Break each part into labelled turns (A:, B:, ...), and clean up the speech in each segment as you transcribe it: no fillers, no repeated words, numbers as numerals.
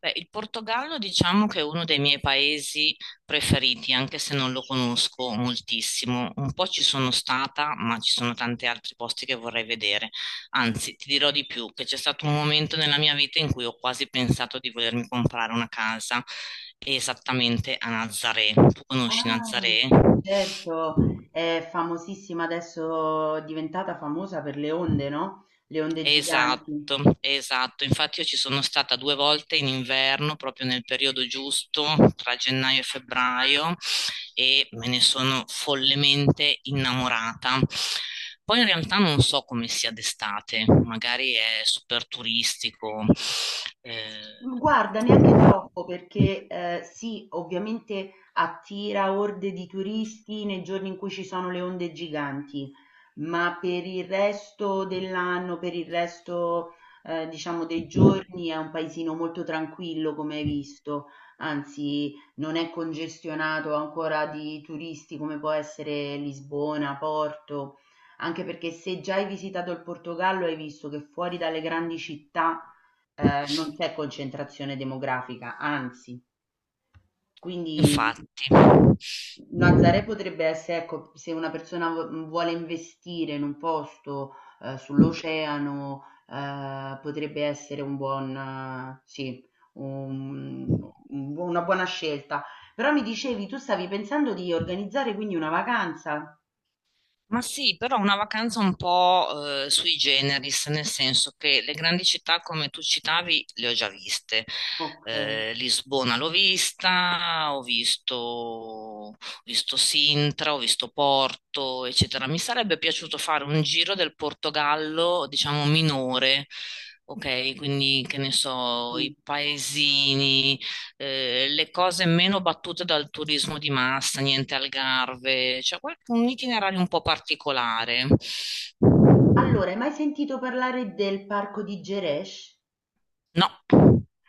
A: Beh, il Portogallo diciamo che è uno dei miei paesi preferiti, anche se non lo conosco moltissimo. Un po' ci sono stata, ma ci sono tanti altri posti che vorrei vedere. Anzi, ti dirò di più, che c'è stato un momento nella mia vita in cui ho quasi pensato di volermi comprare una casa esattamente a Nazaré. Tu conosci
B: Ah,
A: Nazaré?
B: certo, è famosissima adesso, è diventata famosa per le onde, no? Le onde giganti.
A: Esatto, esatto. Infatti io ci sono stata due volte in inverno, proprio nel periodo giusto, tra gennaio e febbraio, e me ne sono follemente innamorata. Poi in realtà non so come sia d'estate, magari è super turistico. eh,
B: Guarda, neanche troppo perché sì, ovviamente attira orde di turisti nei giorni in cui ci sono le onde giganti, ma per il resto dell'anno, per il resto diciamo dei giorni è un paesino molto tranquillo, come hai visto, anzi non è congestionato ancora di turisti come può essere Lisbona, Porto, anche perché se già hai visitato il Portogallo hai visto che fuori dalle grandi città non c'è concentrazione demografica, anzi, quindi
A: Infatti.
B: Nazaré potrebbe essere, ecco, se una persona vuole investire in un posto sull'oceano, potrebbe essere un buon, sì, un- una buona scelta. Però mi dicevi, tu stavi pensando di organizzare quindi una vacanza?
A: Ma sì, però una vacanza un po' sui generis, nel senso che le grandi città come tu citavi le ho già viste.
B: Ok.
A: Lisbona l'ho vista, ho visto Sintra, ho visto Porto, eccetera. Mi sarebbe piaciuto fare un giro del Portogallo, diciamo minore, ok? Quindi che ne so, i
B: Sì.
A: paesini, le cose meno battute dal turismo di massa, niente Algarve, cioè un itinerario un po' particolare.
B: Allora, hai mai sentito parlare del parco di Geresh?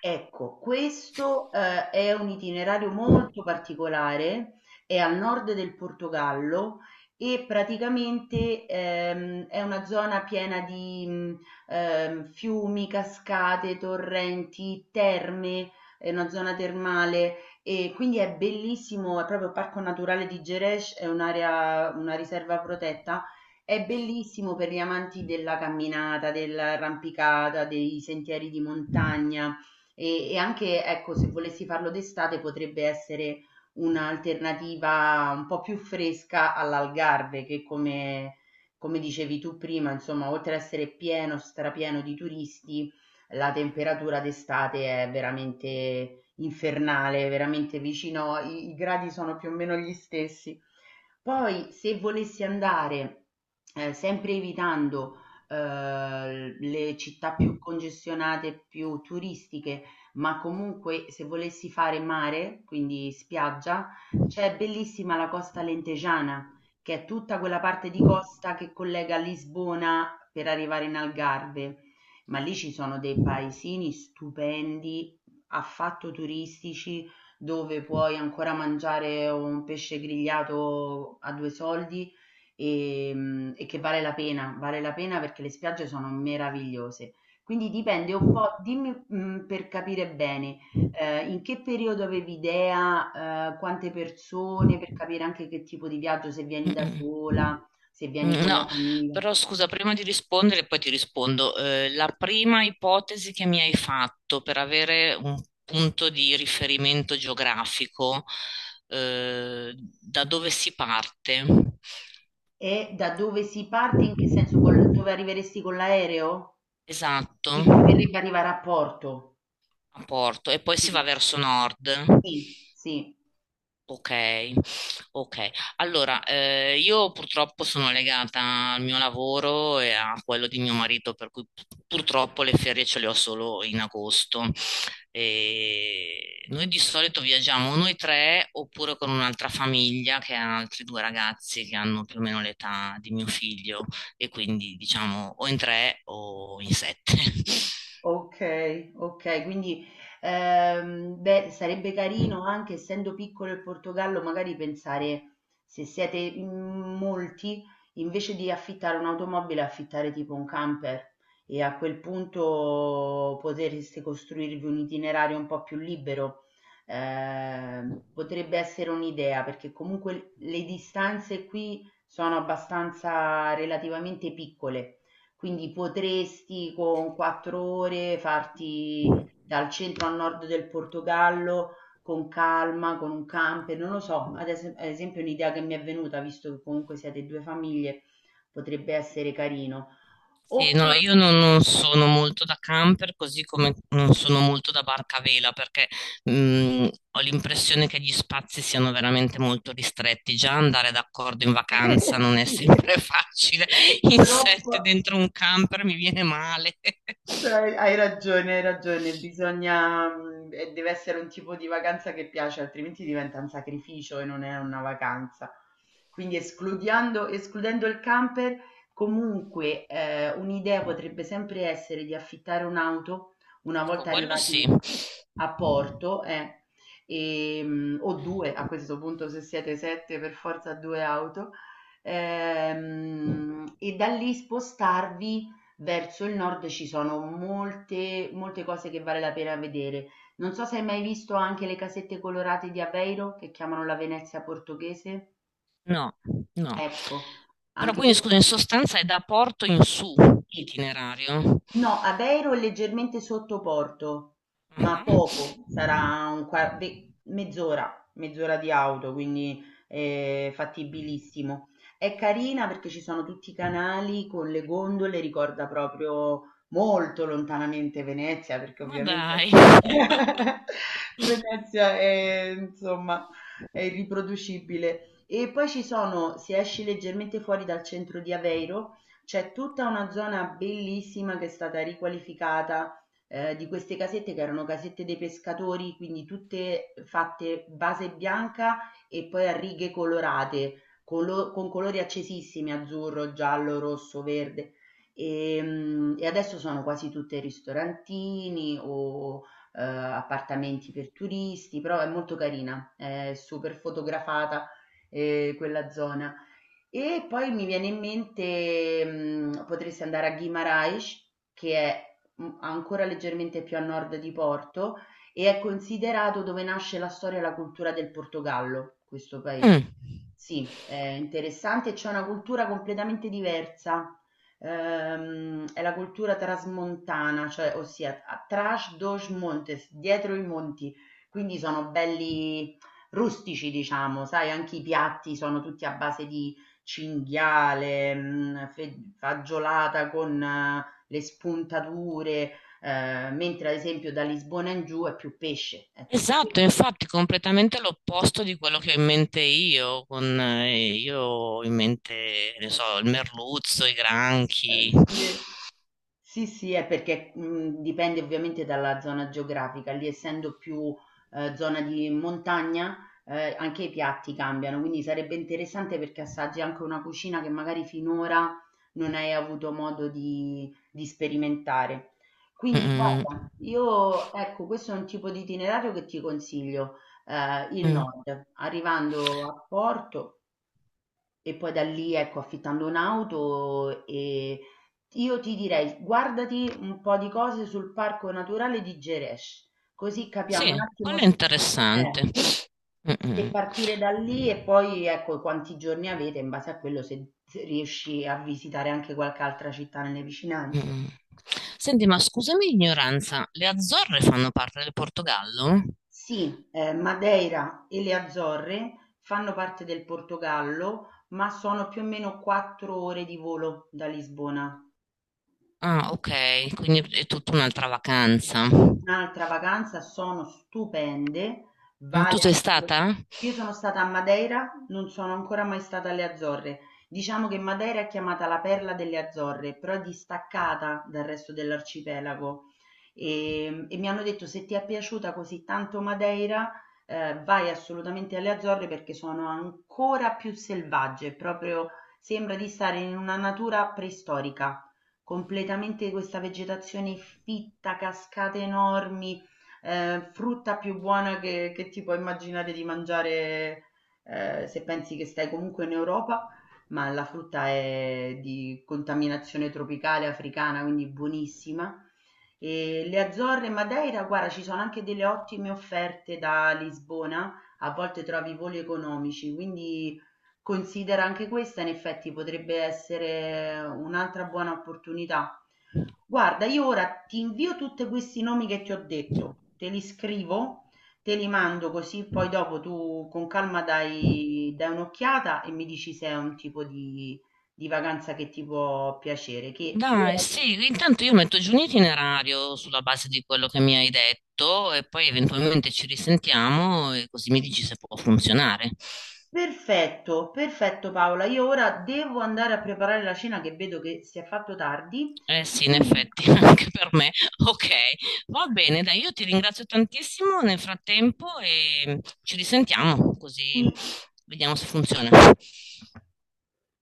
B: Ecco, questo, è un itinerario molto particolare, è al nord del Portogallo e praticamente, è una zona piena di, fiumi, cascate, torrenti, terme, è una zona termale e quindi è bellissimo, è proprio il Parco Naturale di Gerês, è un'area una riserva protetta. È bellissimo per gli amanti della camminata, dell'arrampicata, dei sentieri di montagna. E anche, ecco, se volessi farlo d'estate potrebbe essere un'alternativa un po' più fresca all'Algarve, che come dicevi tu prima, insomma, oltre ad essere pieno, strapieno di turisti, la temperatura d'estate è veramente infernale, veramente vicino, i gradi sono più o meno gli stessi. Poi, se volessi andare, sempre evitando le città più congestionate, più turistiche, ma comunque se volessi fare mare, quindi spiaggia, c'è bellissima la costa lentegiana, che è tutta quella parte di costa che collega Lisbona per arrivare in Algarve. Ma lì ci sono dei paesini stupendi, affatto turistici, dove puoi ancora mangiare un pesce grigliato a due soldi e, e che vale la pena perché le spiagge sono meravigliose. Quindi dipende un po' dimmi, per capire bene, in che periodo avevi idea, quante persone,
A: No.
B: per capire anche che tipo di viaggio, se vieni da sola,
A: Mm-mm.
B: se
A: Mm,
B: vieni con la
A: no,
B: famiglia.
A: però scusa, prima di rispondere, poi ti rispondo. La prima ipotesi che mi hai fatto per avere un punto di riferimento geografico, eh, da dove si parte?
B: E da dove si parte, in che senso, col dove arriveresti con l'aereo?
A: Esatto,
B: Ti converrebbe arrivare a Porto?
A: a Porto, e poi si va
B: Sì,
A: verso nord.
B: sì, sì.
A: Ok, ok. Allora, io purtroppo sono legata al mio lavoro e a quello di mio marito, per cui purtroppo le ferie ce le ho solo in agosto. E noi di solito viaggiamo noi tre oppure con un'altra famiglia che ha altri due ragazzi che hanno più o meno l'età di mio figlio e quindi diciamo o in tre o in sette.
B: Okay, okay, quindi, beh, sarebbe carino anche essendo piccolo il Portogallo, magari pensare se siete in molti, invece di affittare un'automobile, affittare tipo un camper e a quel punto potreste costruirvi un itinerario un po' più libero. Potrebbe essere un'idea, perché comunque le distanze qui sono abbastanza relativamente piccole. Quindi potresti con 4 ore farti dal centro al nord del Portogallo con calma, con un camper, non lo so, ad esempio un'idea che mi è venuta, visto che comunque siete due famiglie, potrebbe essere carino.
A: Sì, no,
B: Oppure
A: io non, non sono molto da camper, così come non sono molto da barca a vela, perché ho l'impressione che gli spazi siano veramente molto ristretti. Già andare d'accordo in vacanza non è
B: sì,
A: sempre facile. In
B: troppo.
A: sette dentro un camper mi viene male.
B: Cioè, hai ragione, bisogna, e deve essere un tipo di vacanza che piace, altrimenti diventa un sacrificio e non è una vacanza. Quindi escludendo il camper, comunque, un'idea potrebbe sempre essere di affittare un'auto una
A: Ecco,
B: volta
A: quello sì.
B: arrivati a Porto, o 2 a questo punto se siete 7 per forza 2 auto, e da lì spostarvi verso il nord. Ci sono molte, molte cose che vale la pena vedere. Non so se hai mai visto anche le casette colorate di Aveiro, che chiamano la Venezia portoghese.
A: No, no.
B: Ecco,
A: Però
B: anche
A: quindi, scusa, in
B: questo
A: sostanza è da Porto in su
B: sì.
A: l'itinerario.
B: No, Aveiro è leggermente sotto Porto, ma
A: Ah.
B: poco, sarà un mezz'ora, mezz'ora di auto, quindi è fattibilissimo. È carina perché ci sono tutti i canali con le gondole, ricorda proprio molto lontanamente Venezia, perché
A: Ma dai.
B: ovviamente Venezia è, insomma, è irriproducibile. E poi ci sono, se esci leggermente fuori dal centro di Aveiro, c'è tutta una zona bellissima che è stata riqualificata di queste casette che erano casette dei pescatori, quindi tutte fatte base bianca e poi a righe colorate, con colori accesissimi, azzurro, giallo, rosso, verde. E adesso sono quasi tutte ristorantini o appartamenti per turisti, però è molto carina, è super fotografata quella zona. E poi mi viene in mente, potresti andare a Guimarães, che è, ancora leggermente più a nord di Porto e è considerato dove nasce la storia e la cultura del Portogallo, questo
A: Mm.
B: paese. Sì, è interessante, c'è una cultura completamente diversa, è la cultura trasmontana, cioè ossia tras dos montes, dietro i monti, quindi sono belli rustici, diciamo, sai, anche i piatti sono tutti a base di cinghiale, fagiolata con le spuntature, mentre ad esempio da Lisbona in giù è più pesce, è tutto
A: Esatto,
B: pesce.
A: infatti completamente l'opposto di quello che ho in mente io, con io ho in mente, ne so, il merluzzo, i granchi.
B: Sì. Sì, sì, è perché, dipende ovviamente dalla zona geografica. Lì essendo più, zona di montagna, anche i piatti cambiano, quindi sarebbe interessante perché assaggi anche una cucina che magari finora non hai avuto modo di sperimentare. Quindi
A: Mm,
B: guarda, io ecco, questo è un tipo di itinerario che ti consiglio, il
A: mm, mm.
B: nord, arrivando a Porto e poi da lì, ecco, affittando un'auto. E io ti direi, guardati un po' di cose sul parco naturale di Geresh, così capiamo un
A: Sì,
B: attimo
A: quello è
B: se,
A: interessante.
B: eh,
A: Mm,
B: se
A: mm,
B: partire da lì. E poi ecco quanti giorni avete, in base a quello se riesci a visitare anche qualche altra città nelle vicinanze.
A: mm. Senti, ma scusami l'ignoranza, le Azzorre fanno parte del Portogallo?
B: Sì, Madeira e le Azzorre fanno parte del Portogallo, ma sono più o meno 4 ore di volo da Lisbona.
A: Ah, ok, quindi è tutta un'altra vacanza.
B: Un'altra vacanza, sono stupende,
A: Mm, tu
B: vale
A: sei
B: assolut
A: stata?
B: io sono stata a Madeira, non sono ancora mai stata alle Azzorre. Diciamo che Madeira è chiamata la perla delle Azzorre, però è distaccata dal resto dell'arcipelago. Mi hanno detto se ti è piaciuta così tanto Madeira, vai assolutamente alle Azzorre perché sono ancora più selvagge, proprio sembra di stare in una natura preistorica completamente, questa vegetazione fitta, cascate enormi, frutta più buona che ti puoi immaginare di mangiare, se pensi che stai comunque in Europa, ma la frutta è di contaminazione tropicale africana, quindi buonissima. E le Azzorre e Madeira, guarda, ci sono anche delle ottime offerte da Lisbona, a volte trovi voli economici, quindi considera anche questa. In effetti potrebbe essere un'altra buona opportunità. Guarda, io ora ti invio tutti questi nomi che ti ho detto, te li scrivo, te li mando così poi dopo tu con calma dai, dai un'occhiata e mi dici se è un tipo di vacanza che ti può piacere. Che ora...
A: Dai,
B: io-
A: sì, intanto io metto giù un itinerario sulla base di quello che mi hai detto e poi eventualmente ci risentiamo e così mi dici se può funzionare.
B: perfetto, perfetto Paola, io ora devo andare a preparare la cena che vedo che si è fatto tardi
A: Eh
B: e
A: sì, in
B: quindi
A: effetti, anche per me. Ok, va bene, dai, io ti ringrazio tantissimo nel frattempo e ci risentiamo
B: sì.
A: così vediamo se funziona.